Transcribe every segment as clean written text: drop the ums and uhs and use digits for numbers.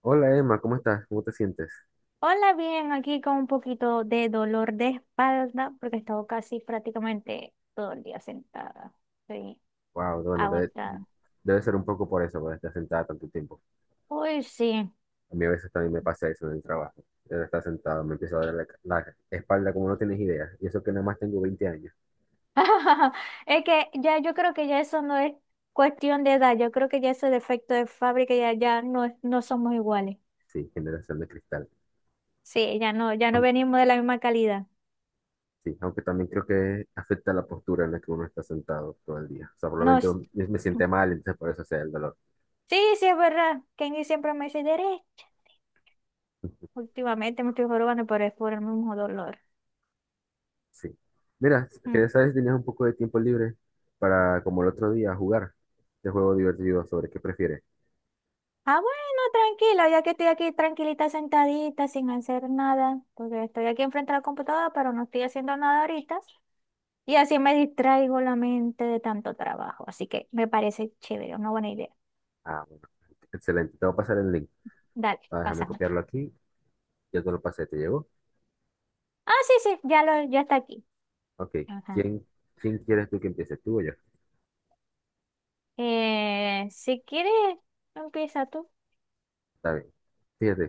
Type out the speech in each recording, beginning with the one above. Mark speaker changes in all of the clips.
Speaker 1: Hola Emma, ¿cómo estás? ¿Cómo te sientes?
Speaker 2: Hola, bien, aquí con un poquito de dolor de espalda porque he estado casi prácticamente todo el día sentada. Estoy
Speaker 1: Wow, bueno, debe,
Speaker 2: agotada.
Speaker 1: debe ser un poco por eso, por estar sentada tanto tiempo.
Speaker 2: Uy, sí.
Speaker 1: A mí a veces también me pasa eso en el trabajo. Debe estar sentado, me empieza a doler la espalda como no tienes idea. Y eso que nada más tengo 20 años.
Speaker 2: Es que ya yo creo que ya eso no es cuestión de edad, yo creo que ya ese defecto de fábrica ya, ya no, no somos iguales.
Speaker 1: Sí, generación de cristal.
Speaker 2: Sí, ya no
Speaker 1: Aun-
Speaker 2: venimos de la misma calidad.
Speaker 1: Sí, aunque también creo que afecta la postura en la que uno está sentado todo el día. O sea, probablemente
Speaker 2: Nos,
Speaker 1: me siente mal, entonces por eso sea el dolor.
Speaker 2: sí, sí, es verdad. Kenny siempre me dice, Derek, últimamente me estoy jorobando, pero es por el mismo dolor.
Speaker 1: Sí. Mira,
Speaker 2: Mm.
Speaker 1: que sabes, tenías un poco de tiempo libre para, como el otro día, jugar este juego divertido sobre qué prefieres.
Speaker 2: Ah, bueno, tranquila, ya que estoy aquí tranquilita sentadita, sin hacer nada, porque estoy aquí enfrente de la computadora, pero no estoy haciendo nada ahorita. Y así me distraigo la mente de tanto trabajo. Así que me parece chévere, una buena idea.
Speaker 1: Ah, bueno. Excelente, te voy a pasar el link.
Speaker 2: Dale,
Speaker 1: Ah, déjame
Speaker 2: pásame.
Speaker 1: copiarlo aquí. Ya te lo pasé, ¿te llegó?
Speaker 2: Ah, sí, sí, ya está aquí.
Speaker 1: Ok.
Speaker 2: Ajá.
Speaker 1: ¿Quién, quién quieres tú que empiece? ¿Tú o yo?
Speaker 2: Si quieres, empieza tú.
Speaker 1: Está bien. Fíjate,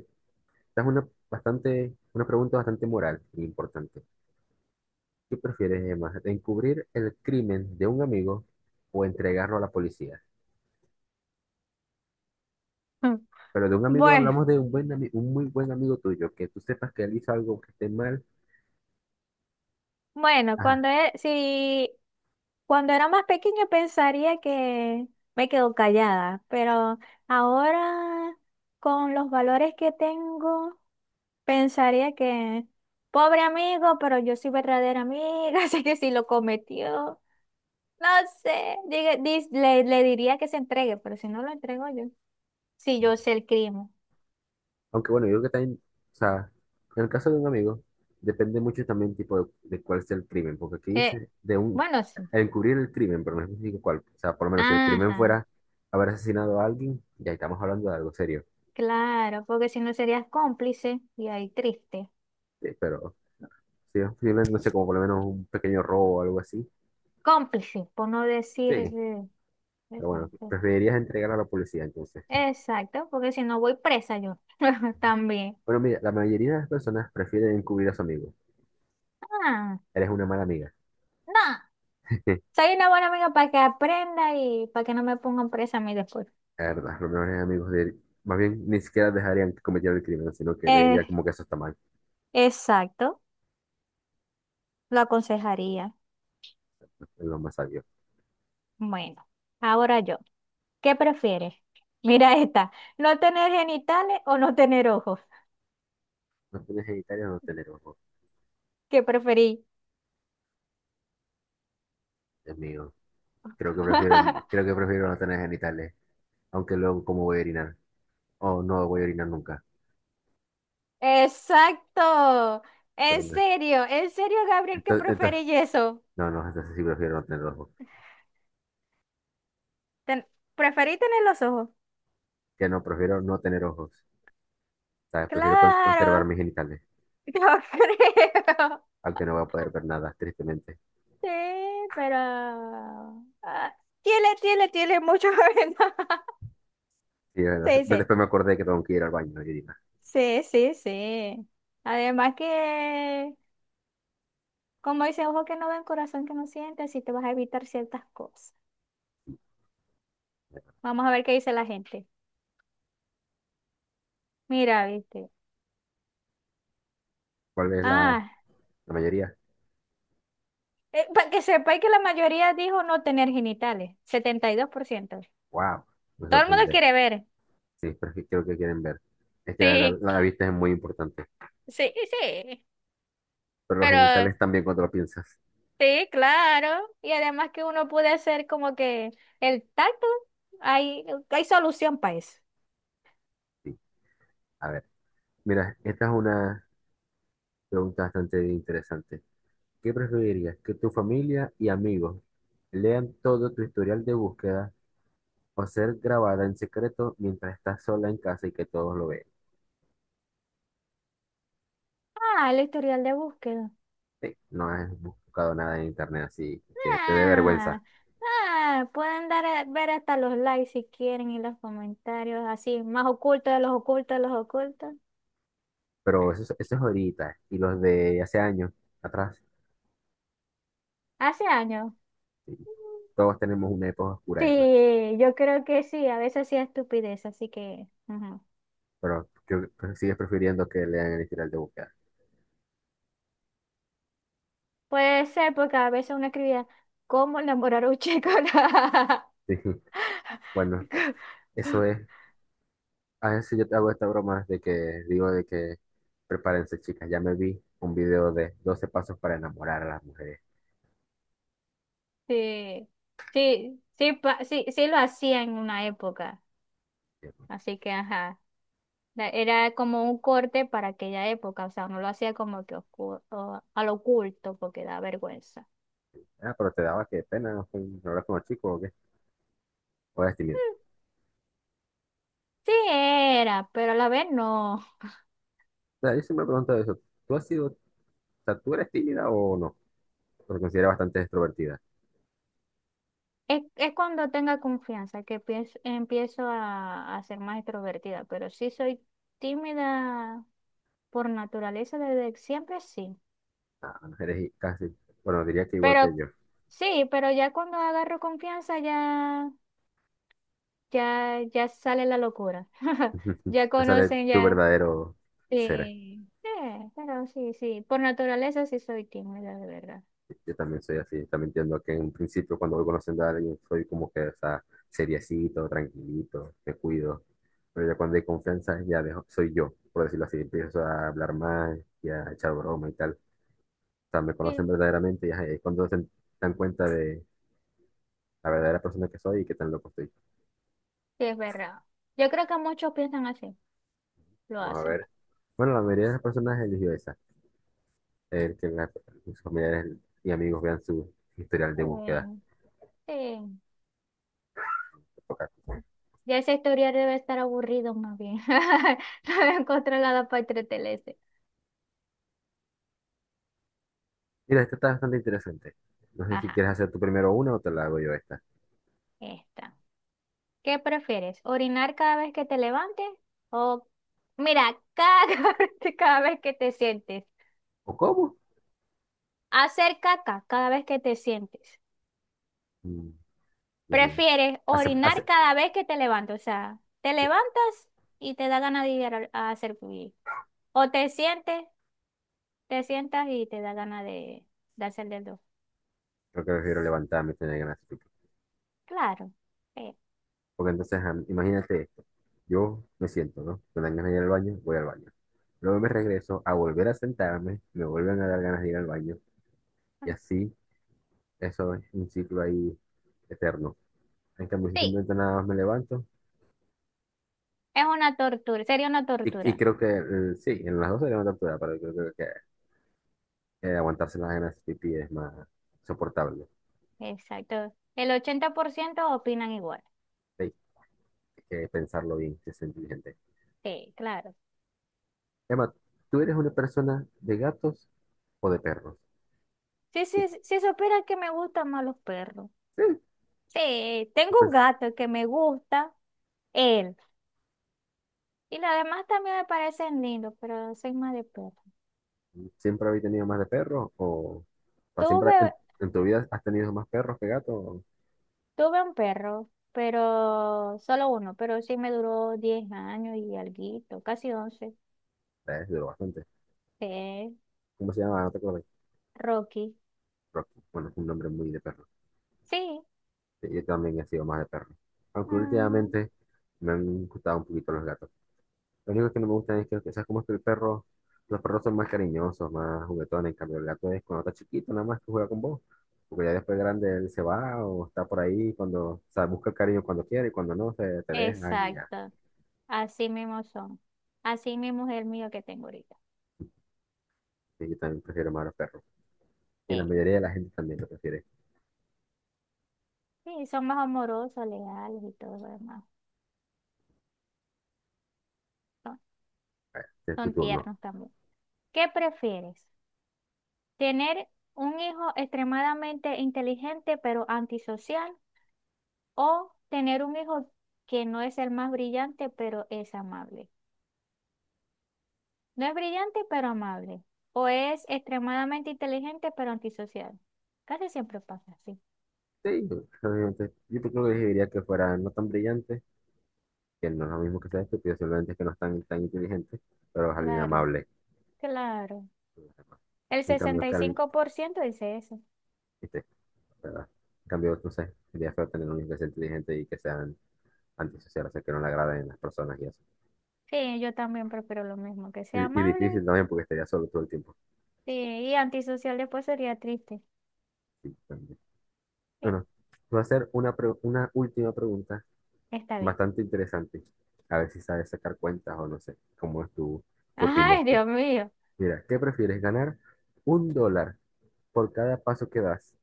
Speaker 1: esta es una pregunta bastante moral e importante. ¿Qué prefieres, Emma? ¿Encubrir el crimen de un amigo o entregarlo a la policía? Pero de un amigo
Speaker 2: Bueno.
Speaker 1: hablamos de un muy buen amigo tuyo, que tú sepas que él hizo algo que esté mal,
Speaker 2: Bueno, cuando,
Speaker 1: ajá.
Speaker 2: e- si, Cuando era más pequeña pensaría que me quedo callada, pero ahora con los valores que tengo, pensaría que pobre amigo, pero yo soy verdadera amiga. Así que si lo cometió, no sé, le diría que se entregue, pero si no lo entrego yo, si yo sé el crimen.
Speaker 1: Aunque bueno, yo creo que también, o sea, en el caso de un amigo, depende mucho también tipo de cuál sea el crimen, porque aquí
Speaker 2: Eh,
Speaker 1: dice
Speaker 2: bueno, sí.
Speaker 1: encubrir el crimen, pero no especifica cuál. O sea, por lo menos si el crimen
Speaker 2: Ajá,
Speaker 1: fuera haber asesinado a alguien, ya estamos hablando de algo serio.
Speaker 2: claro, porque si no serías cómplice y ahí triste.
Speaker 1: Sí, pero si es posible, no sé, como por lo menos un pequeño robo o algo así,
Speaker 2: Cómplice, por no decir...
Speaker 1: sí.
Speaker 2: eh,
Speaker 1: Pero bueno,
Speaker 2: Exacto,
Speaker 1: preferirías entregar a la policía entonces.
Speaker 2: exacto, porque si no voy presa yo también.
Speaker 1: Bueno, mira, la mayoría de las personas prefieren encubrir a su amigo.
Speaker 2: Ah,
Speaker 1: Eres una mala amiga.
Speaker 2: no, soy una buena amiga para que aprenda y para que no me pongan presa a mí después.
Speaker 1: La verdad, los mejores amigos de él, más bien, ni siquiera dejarían que cometiera el crimen, sino que le diría
Speaker 2: Eh,
Speaker 1: como que eso está mal,
Speaker 2: exacto, lo aconsejaría.
Speaker 1: es lo más sabio.
Speaker 2: Bueno, ahora yo, ¿qué prefieres? Mira, esta, ¿no tener genitales o no tener ojos?
Speaker 1: No tener genitales o no tener ojos.
Speaker 2: ¿Qué preferí?
Speaker 1: Dios mío. Creo que prefiero, creo que prefiero no tener genitales, aunque luego cómo voy a orinar, o no voy a orinar nunca.
Speaker 2: Exacto,
Speaker 1: Bueno,
Speaker 2: en serio, Gabriel, ¿qué
Speaker 1: entonces, entonces,
Speaker 2: preferí eso?
Speaker 1: no, no, entonces sí prefiero no tener ojos.
Speaker 2: Ten- Preferí tener los ojos.
Speaker 1: Que no, prefiero no tener ojos, ¿sabes? Prefiero conservar
Speaker 2: Claro,
Speaker 1: mis genitales,
Speaker 2: yo creo.
Speaker 1: aunque no voy a poder ver nada, tristemente.
Speaker 2: Sí, pero... ah, tiene mucho ventaja.
Speaker 1: Sí, es verdad.
Speaker 2: Sí, sí,
Speaker 1: Después me acordé que tengo que ir al baño y orinar.
Speaker 2: sí, sí, sí. Además que, como dice, ojo que no ven, corazón que no siente, así te vas a evitar ciertas cosas. Vamos a ver qué dice la gente. Mira, viste.
Speaker 1: ¿Cuál es la,
Speaker 2: Ah,
Speaker 1: la mayoría?
Speaker 2: para que sepáis que la mayoría dijo no tener genitales, 72%.
Speaker 1: ¡Wow! Me
Speaker 2: Todo el mundo
Speaker 1: sorprende.
Speaker 2: quiere ver.
Speaker 1: Sí, pero es que creo que quieren ver. Es que la,
Speaker 2: Sí,
Speaker 1: la vista es muy importante.
Speaker 2: sí, sí.
Speaker 1: Pero los
Speaker 2: Pero
Speaker 1: genitales también cuando lo piensas.
Speaker 2: sí, claro. Y además que uno puede hacer como que el tacto, hay solución para eso.
Speaker 1: Sí. A ver, mira, esta es una pregunta bastante interesante. ¿Qué preferirías? ¿Que tu familia y amigos lean todo tu historial de búsqueda o ser grabada en secreto mientras estás sola en casa y que todos lo vean?
Speaker 2: Ah, el historial de búsqueda.
Speaker 1: Sí, no has buscado nada en internet así que te dé vergüenza.
Speaker 2: Ah, Pueden dar, ver hasta los likes si quieren y los comentarios así, más ocultos de los ocultos de los ocultos.
Speaker 1: Pero
Speaker 2: Ah,
Speaker 1: eso, eso es ahorita. Y los de hace años atrás,
Speaker 2: hace años.
Speaker 1: sí, todos tenemos una época oscura, Emma.
Speaker 2: Sí, yo creo que sí, a veces sí estupidez, así que ujú.
Speaker 1: Pero creo que sigues prefiriendo que lean el historial de búsqueda.
Speaker 2: Puede ser porque a veces uno escribía, ¿cómo enamorar a un chico?
Speaker 1: Sí, bueno, eso es. A veces yo te hago esta broma de que digo de que prepárense, chicas. Ya me vi un video de 12 pasos para enamorar a las mujeres.
Speaker 2: Sí, sí, sí, sí, sí lo hacía en una época,
Speaker 1: Y yo.
Speaker 2: así que ajá, era como un corte para aquella época, o sea, no lo hacía como que al oculto porque da vergüenza.
Speaker 1: Ah, pero te daba que pena, ¿no? Hablar con los chicos, ¿o qué? O eres tímida.
Speaker 2: Mm, Sí era, pero a la vez no.
Speaker 1: O sea, yo siempre me pregunto eso. ¿Tú has sido, o sea, tú eres tímida o no? Porque considero bastante extrovertida.
Speaker 2: Es cuando tenga confianza que empiezo a ser más extrovertida, pero sí soy tímida por naturaleza desde siempre, sí.
Speaker 1: Ah, no, eres casi, bueno, diría que igual
Speaker 2: Pero
Speaker 1: que yo.
Speaker 2: sí, pero ya cuando agarro confianza ya sale la locura. Ya
Speaker 1: No sale
Speaker 2: conocen,
Speaker 1: tu
Speaker 2: ya.
Speaker 1: verdadero ser.
Speaker 2: Sí, pero sí, sí. Por naturaleza sí soy tímida, de verdad.
Speaker 1: Yo también soy así, también entiendo que en un principio cuando voy conociendo a alguien soy como que, o sea, seriecito, tranquilito, me cuido. Pero ya cuando hay confianza ya soy yo, por decirlo así, empiezo a hablar más y a echar broma y tal. O sea, me
Speaker 2: Sí,
Speaker 1: conocen verdaderamente y ajá, y ahí es cuando se dan cuenta de la verdadera persona que soy y qué tan loco estoy.
Speaker 2: sí, es verdad. Yo creo que muchos piensan así, lo
Speaker 1: Vamos a
Speaker 2: hacen.
Speaker 1: ver. Bueno, la mayoría de las personas eligió esa, el que sus familiares y amigos vean su historial de búsqueda.
Speaker 2: Eh, sí.
Speaker 1: Ok.
Speaker 2: Ya esa historia debe estar aburrido más bien. No encontré nada para entretenerse.
Speaker 1: Mira, esta está bastante interesante. No sé si
Speaker 2: Ajá,
Speaker 1: quieres hacer tú primero una o te la hago yo esta.
Speaker 2: esta. ¿Qué prefieres? ¿Orinar cada vez que te levantes? O, mira, cada cada vez que te sientes.
Speaker 1: ¿O cómo?
Speaker 2: Hacer caca cada vez que te sientes.
Speaker 1: Mm. Dios mío.
Speaker 2: Prefieres
Speaker 1: Hace, hace,
Speaker 2: orinar cada vez que te levantas. O sea, te
Speaker 1: sí,
Speaker 2: levantas y te da ganas de ir a hacer pipí. O te sientes, te sientas y te da ganas de hacer del dos.
Speaker 1: creo que prefiero levantarme y tener ganas de pipí.
Speaker 2: Claro. Eh,
Speaker 1: Porque entonces, ah, imagínate esto. Yo me siento, ¿no? Me dan ganas de ir al baño, voy al baño. Luego me regreso a volver a sentarme, me vuelven a dar ganas de ir al baño. Y
Speaker 2: ay,
Speaker 1: así, eso es un ciclo ahí eterno. En cambio, si
Speaker 2: Sí,
Speaker 1: simplemente nada más me levanto,
Speaker 2: es una tortura. Sería una
Speaker 1: y
Speaker 2: tortura.
Speaker 1: creo que sí, en las dos se levanta toda, pero creo que aguantarse las ganas de pipí es más soportable.
Speaker 2: Exacto. El 80% opinan igual.
Speaker 1: Sí, hay que pensarlo bien, que es inteligente.
Speaker 2: Sí, claro.
Speaker 1: Emma, ¿tú eres una persona de gatos o de perros?
Speaker 2: Sí,
Speaker 1: Sí,
Speaker 2: sí, sí, sí, supieras que me gustan más los perros. Sí,
Speaker 1: sí,
Speaker 2: tengo un
Speaker 1: pues,
Speaker 2: gato que me gusta. Él Y los demás también me parecen lindos, pero soy más de perro.
Speaker 1: ¿siempre habéis tenido más de perros o siempre
Speaker 2: Tuve,
Speaker 1: en tu vida has tenido más perros que gatos?
Speaker 2: tuve un perro, pero solo uno, pero sí me duró 10 años y alguito, casi once.
Speaker 1: Es duro bastante.
Speaker 2: Eh,
Speaker 1: ¿Cómo se llama? No te acuerdas.
Speaker 2: Rocky.
Speaker 1: Rocky. Bueno, es un nombre muy de perro.
Speaker 2: Sí,
Speaker 1: Sí, yo también he sido más de perro. Aunque
Speaker 2: mm,
Speaker 1: últimamente me han gustado un poquito los gatos. Lo único que no me gusta que ¿sabes cómo es que el perro? Los perros son más cariñosos, más juguetones. En cambio, el gato es cuando está chiquito, nada más que juega con vos. Porque ya después grande él se va o está por ahí cuando, o sea, busca el cariño cuando quiere y cuando no, se te deja y ya.
Speaker 2: exacto. Así mismo son. Así mismo es el mío que tengo ahorita.
Speaker 1: Y yo también prefiero más a los perros. Y la
Speaker 2: Sí,
Speaker 1: mayoría de la gente también lo prefiere.
Speaker 2: sí, son más amorosos, leales y todo lo demás. Son,
Speaker 1: Es tu
Speaker 2: son
Speaker 1: turno.
Speaker 2: tiernos también. ¿Qué prefieres? ¿Tener un hijo extremadamente inteligente pero antisocial? O tener un hijo que no es el más brillante, pero es amable. No es brillante, pero amable. O es extremadamente inteligente, pero antisocial. Casi siempre pasa así.
Speaker 1: Sí, obviamente. Yo creo que diría que fuera no tan brillante, que no es lo mismo que sea estúpido, simplemente es que no es tan, tan inteligente, pero es alguien
Speaker 2: Claro,
Speaker 1: amable.
Speaker 2: claro. El
Speaker 1: En cambio,
Speaker 2: sesenta
Speaker 1: que
Speaker 2: y
Speaker 1: alguien,
Speaker 2: cinco por ciento dice eso.
Speaker 1: este, ¿verdad? En cambio, no sé, sería feo tener un hijo inteligente y que sean antisociales, o sea, que no le agraden las personas y eso.
Speaker 2: Sí, yo también prefiero lo mismo, que sea
Speaker 1: Y difícil
Speaker 2: amable.
Speaker 1: también porque estaría solo todo el tiempo.
Speaker 2: Sí, y antisocial después sería triste.
Speaker 1: Sí, también.
Speaker 2: Sí,
Speaker 1: Bueno, te voy a hacer una última pregunta
Speaker 2: está bien.
Speaker 1: bastante interesante. A ver si sabes sacar cuentas o no sé, qué opinas
Speaker 2: Ay,
Speaker 1: tú.
Speaker 2: Dios mío.
Speaker 1: Mira, ¿qué prefieres ganar? ¿Un dólar por cada paso que das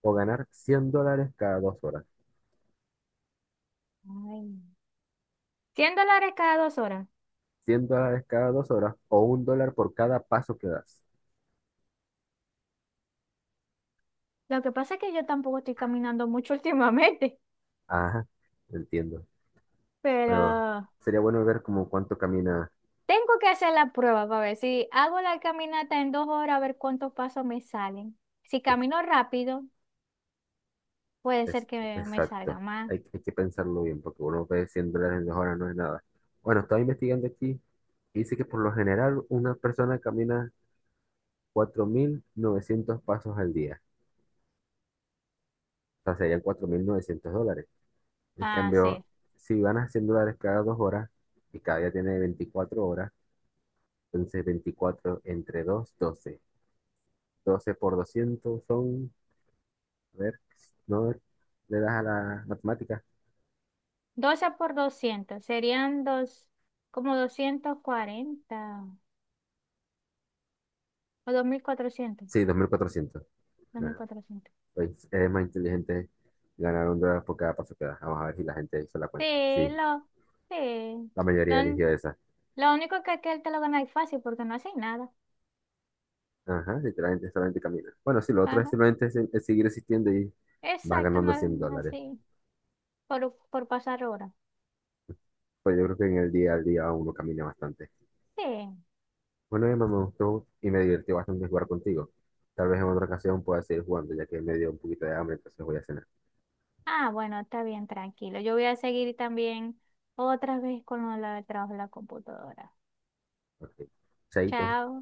Speaker 1: o ganar $100 cada 2 horas?
Speaker 2: Ay. $100 cada 2 horas.
Speaker 1: $100 cada dos horas o un dólar por cada paso que das.
Speaker 2: Lo que pasa es que yo tampoco estoy caminando mucho últimamente,
Speaker 1: Ajá, entiendo. Pero
Speaker 2: pero
Speaker 1: sería bueno ver como cuánto camina.
Speaker 2: Tengo que hacer la prueba para ver si hago la caminata en 2 horas, a ver cuántos pasos me salen. Si
Speaker 1: es,
Speaker 2: camino rápido, puede
Speaker 1: es-
Speaker 2: ser que me salga
Speaker 1: exacto.
Speaker 2: más.
Speaker 1: Hay que pensarlo bien, porque uno ve $100 en 2 horas, no es nada. Bueno, estaba investigando aquí y dice que por lo general una persona camina 4.900 pasos al día. O sea, serían $4.900. En
Speaker 2: Ah,
Speaker 1: cambio,
Speaker 2: sí.
Speaker 1: si ganas $100 cada 2 horas y cada día tiene 24 horas, entonces 24 entre 2 12 12 por 200 son, a ver, no le das a la matemática.
Speaker 2: 12 por 200 serían dos, como 240 o dos mil cuatrocientos,
Speaker 1: Sí, 2.400.
Speaker 2: dos mil
Speaker 1: Ah,
Speaker 2: cuatrocientos.
Speaker 1: pues es más inteligente ganar un dólar por cada paso que da. Vamos a ver si la gente hizo la
Speaker 2: Sí,
Speaker 1: cuenta. Sí,
Speaker 2: sí.
Speaker 1: la
Speaker 2: Lo,
Speaker 1: mayoría eligió esa.
Speaker 2: lo único que aquel te lo gana es fácil porque no haces nada.
Speaker 1: Ajá, literalmente solamente camina. Bueno, sí, lo otro es
Speaker 2: Ajá.
Speaker 1: simplemente es seguir existiendo y vas
Speaker 2: Exacto,
Speaker 1: ganando 100
Speaker 2: no
Speaker 1: dólares.
Speaker 2: así. Por pasar horas.
Speaker 1: Pues yo creo que en el día al día uno camina bastante.
Speaker 2: Sí.
Speaker 1: Bueno, Emma, me gustó y me divertí bastante jugar contigo. Tal vez en otra ocasión pueda seguir jugando, ya que me dio un poquito de hambre, entonces voy a cenar.
Speaker 2: Ah, bueno, está bien, tranquilo. Yo voy a seguir también otra vez con lo del trabajo de la computadora.
Speaker 1: Ok, chaito.
Speaker 2: Chao.